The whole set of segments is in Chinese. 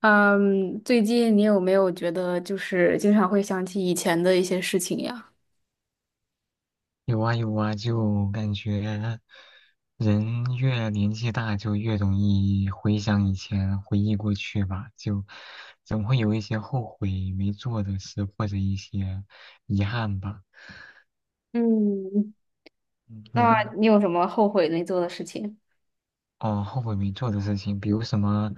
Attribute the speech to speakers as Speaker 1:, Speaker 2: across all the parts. Speaker 1: 嗯，最近你有没有觉得就是经常会想起以前的一些事情呀？
Speaker 2: 有啊有啊，就感觉人越年纪大，就越容易回想以前，回忆过去吧，就总会有一些后悔没做的事，或者一些遗憾吧。
Speaker 1: 嗯，
Speaker 2: 嗯你
Speaker 1: 那
Speaker 2: 呢？
Speaker 1: 你有什么后悔没做的事情？
Speaker 2: 哦，后悔没做的事情，比如什么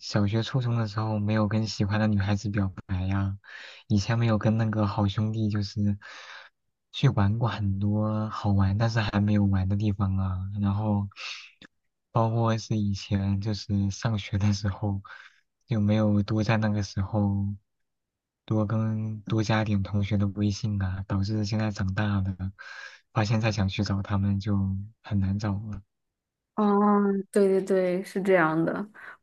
Speaker 2: 小学、初中的时候没有跟喜欢的女孩子表白呀，以前没有跟那个好兄弟就是去玩过很多好玩但是还没有玩的地方啊，然后包括是以前就是上学的时候就没有多在那个时候多跟多加点同学的微信啊，导致现在长大了，发现再想去找他们就很难找了。
Speaker 1: 哦，对对对，是这样的。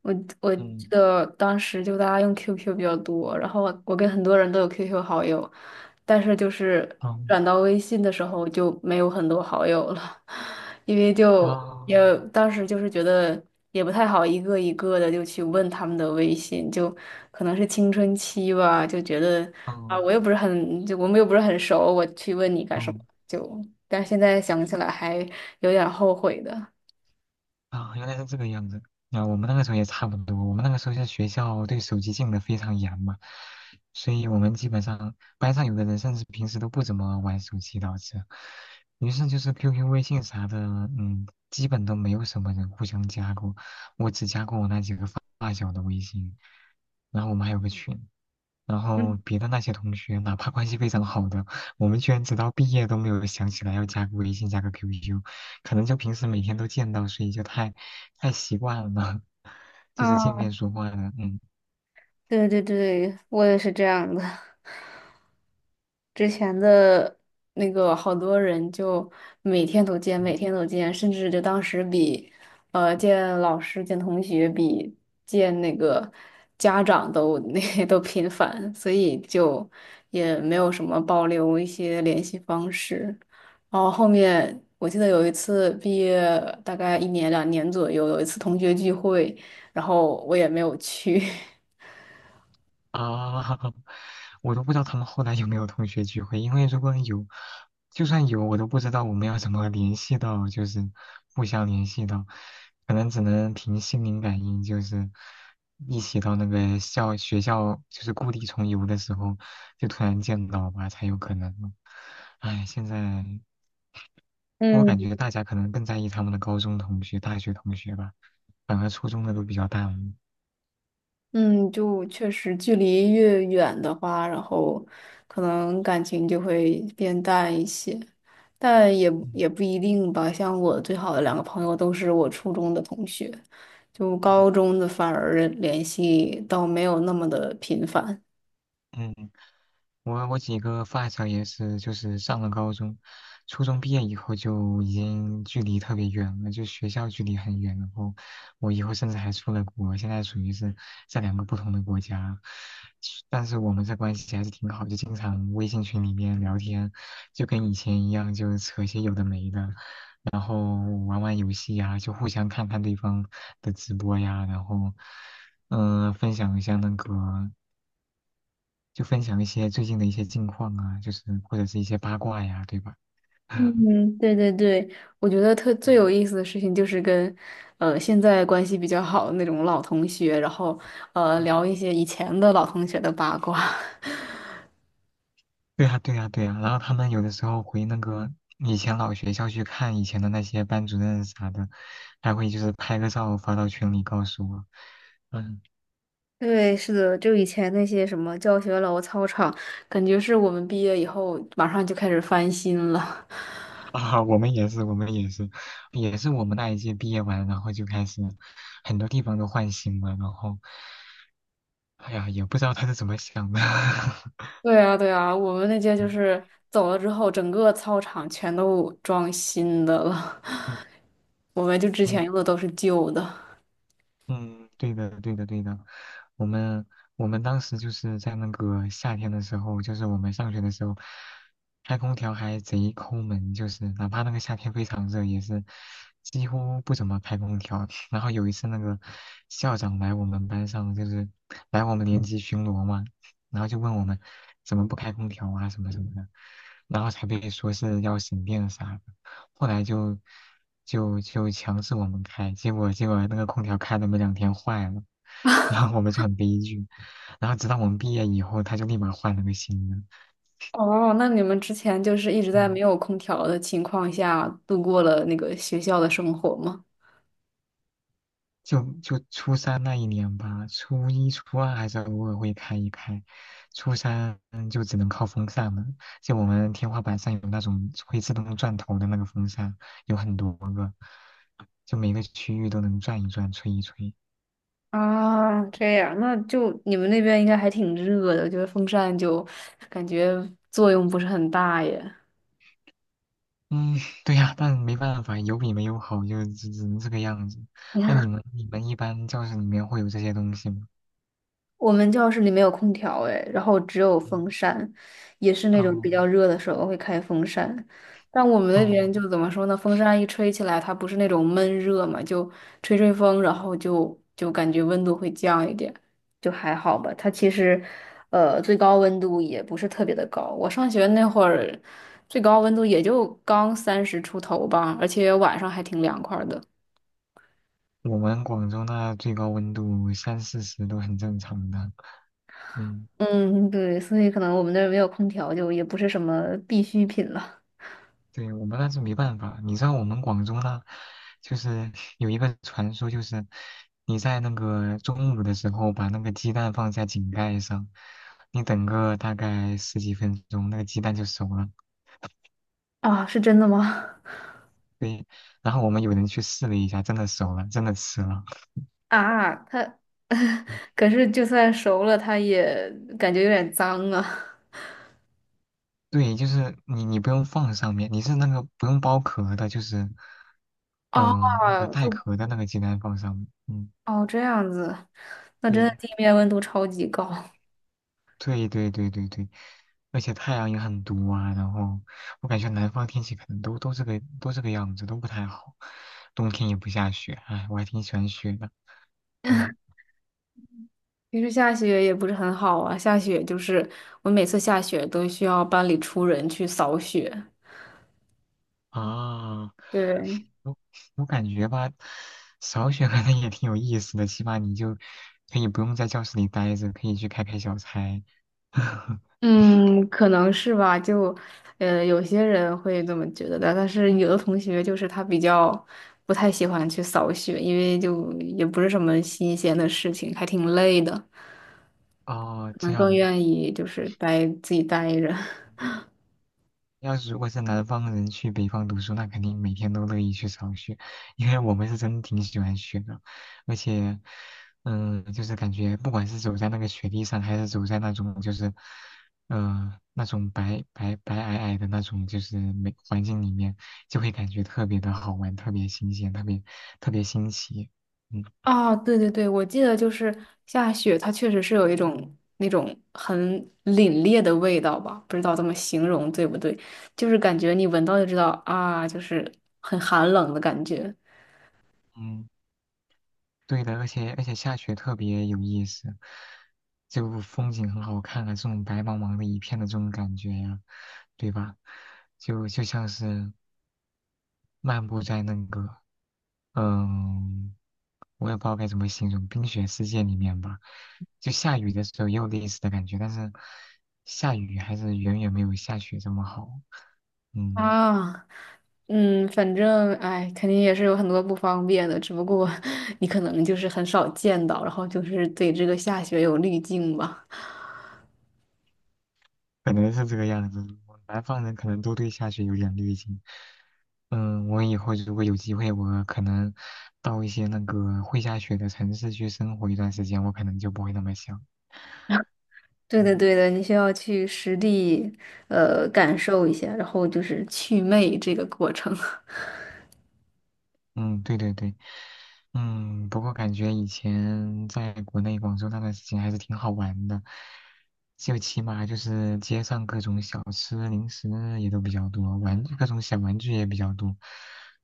Speaker 1: 我我记
Speaker 2: 嗯。
Speaker 1: 得当时就大家用 QQ 比较多，然后我跟很多人都有 QQ 好友，但是就是
Speaker 2: 哦
Speaker 1: 转到微信的时候就没有很多好友了。因为就也
Speaker 2: 哦，
Speaker 1: 当时就是觉得也不太好一个一个的就去问他们的微信，就可能是青春期吧，就觉得
Speaker 2: 哦
Speaker 1: 啊我又不是很就我们又不是很熟，我去问你干什么？
Speaker 2: 哦
Speaker 1: 就但是现在想起来还有点后悔的。
Speaker 2: 啊，原来是这个样子。啊，我们那个时候也差不多，我们那个时候在学校对手机禁的非常严嘛，所以我们基本上班上有的人甚至平时都不怎么玩手机导致，于是就是 QQ、微信啥的，嗯，基本都没有什么人互相加过，我只加过我那几个发发小的微信，然后我们还有个群。然后别的那些同学，哪怕关系非常好的，我们居然直到毕业都没有想起来要加个微信、加个 QQ,可能就平时每天都见到，所以就太习惯了，就是见
Speaker 1: 啊，
Speaker 2: 面说话了，嗯。
Speaker 1: 对对对，我也是这样的。之前的那个好多人就每天都见，每天都见，甚至就当时比，见老师、见同学比见那个家长都 那都频繁，所以就也没有什么保留一些联系方式。然后后面我记得有一次毕业大概一年两年左右，有一次同学聚会，然后我也没有去。
Speaker 2: 啊，我都不知道他们后来有没有同学聚会，因为如果有，就算有，我都不知道我们要怎么联系到，就是互相联系到，可能只能凭心灵感应，就是一起到那个学校，就是故地重游的时候，就突然见到吧，才有可能。唉，现在我感
Speaker 1: 嗯。
Speaker 2: 觉大家可能更在意他们的高中同学、大学同学吧，反而初中的都比较淡了
Speaker 1: 嗯，就确实距离越远的话，然后可能感情就会变淡一些，但也
Speaker 2: 嗯
Speaker 1: 不一定吧。像我最好的两个朋友都是我初中的同学，就
Speaker 2: 嗯
Speaker 1: 高中的反而联系倒没有那么的频繁。
Speaker 2: 嗯。我几个发小也是，就是上了高中，初中毕业以后就已经距离特别远了，就学校距离很远。然后我以后甚至还出了国，现在属于是在两个不同的国家，但是我们这关系还是挺好，就经常微信群里面聊天，就跟以前一样，就扯些有的没的，然后玩玩游戏呀，就互相看看对方的直播呀，然后分享一下那个。就分享一些最近的一些近况啊，就是或者是一些八卦呀，对吧？
Speaker 1: 嗯，对对对，我觉得特最有
Speaker 2: 嗯
Speaker 1: 意思的事情就是跟，现在关系比较好的那种老同学，然后聊一些以前的老同学的八卦。
Speaker 2: 对呀，对呀，对呀。然后他们有的时候回那个以前老学校去看以前的那些班主任啥的，还会就是拍个照发到群里告诉我。嗯
Speaker 1: 对，是的，就以前那些什么教学楼、操场，感觉是我们毕业以后马上就开始翻新了。
Speaker 2: 啊，我们也是，我们也是，也是我们那一届毕业完，然后就开始很多地方都换新了，然后，哎呀，也不知道他是怎么想的。
Speaker 1: 对啊，对啊，我们那届就
Speaker 2: 嗯
Speaker 1: 是走了之后，整个操场全都装新的了，
Speaker 2: 嗯
Speaker 1: 我们就之
Speaker 2: 嗯，
Speaker 1: 前用的都是旧的。
Speaker 2: 嗯对的，对的，对的。我们我们当时就是在那个夏天的时候，就是我们上学的时候，开空调还贼抠门，就是哪怕那个夏天非常热，也是几乎不怎么开空调。然后有一次那个校长来我们班上，就是来我们年级巡逻嘛，然后就问我们怎么不开空调啊什么什么的，然后才被说是要省电啥的。后来就就强制我们开，结果那个空调开了没两天坏了，然后我们就很悲剧，然后直到我们毕业以后，他就立马换了个新的，
Speaker 1: 哦，那你们之前就是一直在
Speaker 2: 嗯，
Speaker 1: 没有空调的情况下度过了那个学校的生活吗？
Speaker 2: 就初三那一年吧，初一初二还是偶尔会开一开，初三嗯就只能靠风扇了，就我们天花板上有那种会自动转头的那个风扇，有很多个，就每个区域都能转一转，吹一吹。
Speaker 1: 啊，这样，那就你们那边应该还挺热的，我觉得风扇就感觉作用不是很大耶。
Speaker 2: 嗯，对呀，但没办法，有比没有好，就只能这个样子。那你 们你们一般教室里面会有这些东西吗？
Speaker 1: 我们教室里没有空调哎，然后只有风
Speaker 2: 嗯
Speaker 1: 扇，也是那种比
Speaker 2: 嗯
Speaker 1: 较热的时候会开风扇。但我们那边
Speaker 2: 嗯，
Speaker 1: 就怎么说呢？风扇一吹起来，它不是那种闷热嘛，就吹吹风，然后就感觉温度会降一点，就还好吧。它其实，最高温度也不是特别的高。我上学那会儿，最高温度也就刚30出头吧，而且晚上还挺凉快儿的。
Speaker 2: 我们广州那最高温度三四十都很正常的。嗯，
Speaker 1: 嗯，对，所以可能我们那儿没有空调，就也不是什么必需品了。
Speaker 2: 对，我们那是没办法。你知道我们广州那，就是有一个传说，就是你在那个中午的时候把那个鸡蛋放在井盖上，你等个大概十几分钟，那个鸡蛋就熟了。
Speaker 1: 啊，是真的吗？
Speaker 2: 对，然后我们有人去试了一下，真的熟了，真的吃了。
Speaker 1: 啊，它 可是就算熟了，它也感觉有点脏啊。
Speaker 2: 对，就是你你不用放上面，你是那个不用剥壳的，就是那个
Speaker 1: 哦，
Speaker 2: 带
Speaker 1: 就
Speaker 2: 壳的那个鸡蛋放上面。嗯，
Speaker 1: 哦这样子，那真的
Speaker 2: 对
Speaker 1: 地面温度超级高。
Speaker 2: 对对对对对，而且太阳也很毒啊，然后我感觉南方天气可能都这个都这个样子，都不太好。冬天也不下雪，哎，我还挺喜欢雪的。
Speaker 1: 其实下雪也不是很好啊，下雪就是我每次下雪都需要班里出人去扫雪。
Speaker 2: 啊，
Speaker 1: 对，
Speaker 2: 我我感觉吧，少选可能也挺有意思的，起码你就可以不用在教室里待着，可以去开开小差。
Speaker 1: 嗯，可能是吧，就，有些人会这么觉得的，但是有的同学就是他比较不太喜欢去扫雪，因为就也不是什么新鲜的事情，还挺累的，
Speaker 2: 哦，
Speaker 1: 可
Speaker 2: 这
Speaker 1: 能更
Speaker 2: 样，
Speaker 1: 愿意就是待自己待着。
Speaker 2: 要是如果是南方人去北方读书，那肯定每天都乐意去扫雪，因为我们是真挺喜欢雪的，而且，嗯，就是感觉不管是走在那个雪地上，还是走在那种就是，呃，那种白皑皑的那种就是美环境里面，就会感觉特别的好玩，特别新鲜，特别新奇。嗯。
Speaker 1: 啊，对对对，我记得就是下雪，它确实是有一种那种很凛冽的味道吧，不知道怎么形容对不对，就是感觉你闻到就知道啊，就是很寒冷的感觉。
Speaker 2: 嗯。对的，而且下雪特别有意思，就风景很好看啊，这种白茫茫的一片的这种感觉呀、对吧？就像是漫步在那个，嗯，我也不知道该怎么形容，冰雪世界里面吧。就下雨的时候也有类似的感觉，但是下雨还是远远没有下雪这么好。嗯。
Speaker 1: 啊，反正哎，肯定也是有很多不方便的，只不过你可能就是很少见到，然后就是对这个下雪有滤镜吧。
Speaker 2: 可能是这个样子。我南方人可能都对下雪有点滤镜。嗯，我以后如果有机会，我可能到一些那个会下雪的城市去生活一段时间，我可能就不会那么想。
Speaker 1: 对的，
Speaker 2: 嗯
Speaker 1: 对的，你需要去实地感受一下，然后就是祛魅这个过程。
Speaker 2: 嗯，对对对，嗯，不过感觉以前在国内广州那段时间还是挺好玩的，就起码就是街上各种小吃零食也都比较多，玩各种小玩具也比较多。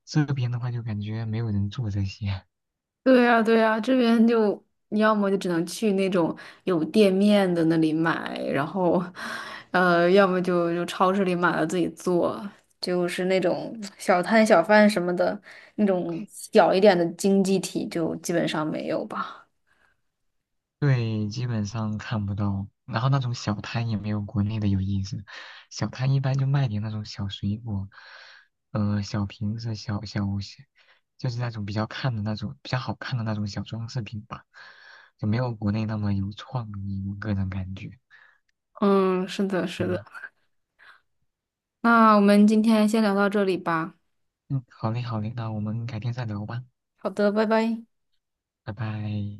Speaker 2: 这边的话就感觉没有人做这些，
Speaker 1: 对呀，对呀，这边就你要么就只能去那种有店面的那里买，然后，要么就超市里买了自己做，就是那种小摊小贩什么的，那种小一点的经济体就基本上没有吧。
Speaker 2: 对，基本上看不到。然后那种小摊也没有国内的有意思，小摊一般就卖点那种小水果，呃，小瓶子、小小小，就是那种比较看的那种比较好看的那种小装饰品吧，就没有国内那么有创意，我个人感觉。
Speaker 1: 嗯，是的，是的。
Speaker 2: 嗯
Speaker 1: 那我们今天先聊到这里吧。
Speaker 2: 嗯，好嘞好嘞，那我们改天再聊吧，
Speaker 1: 好的，拜拜。
Speaker 2: 拜拜。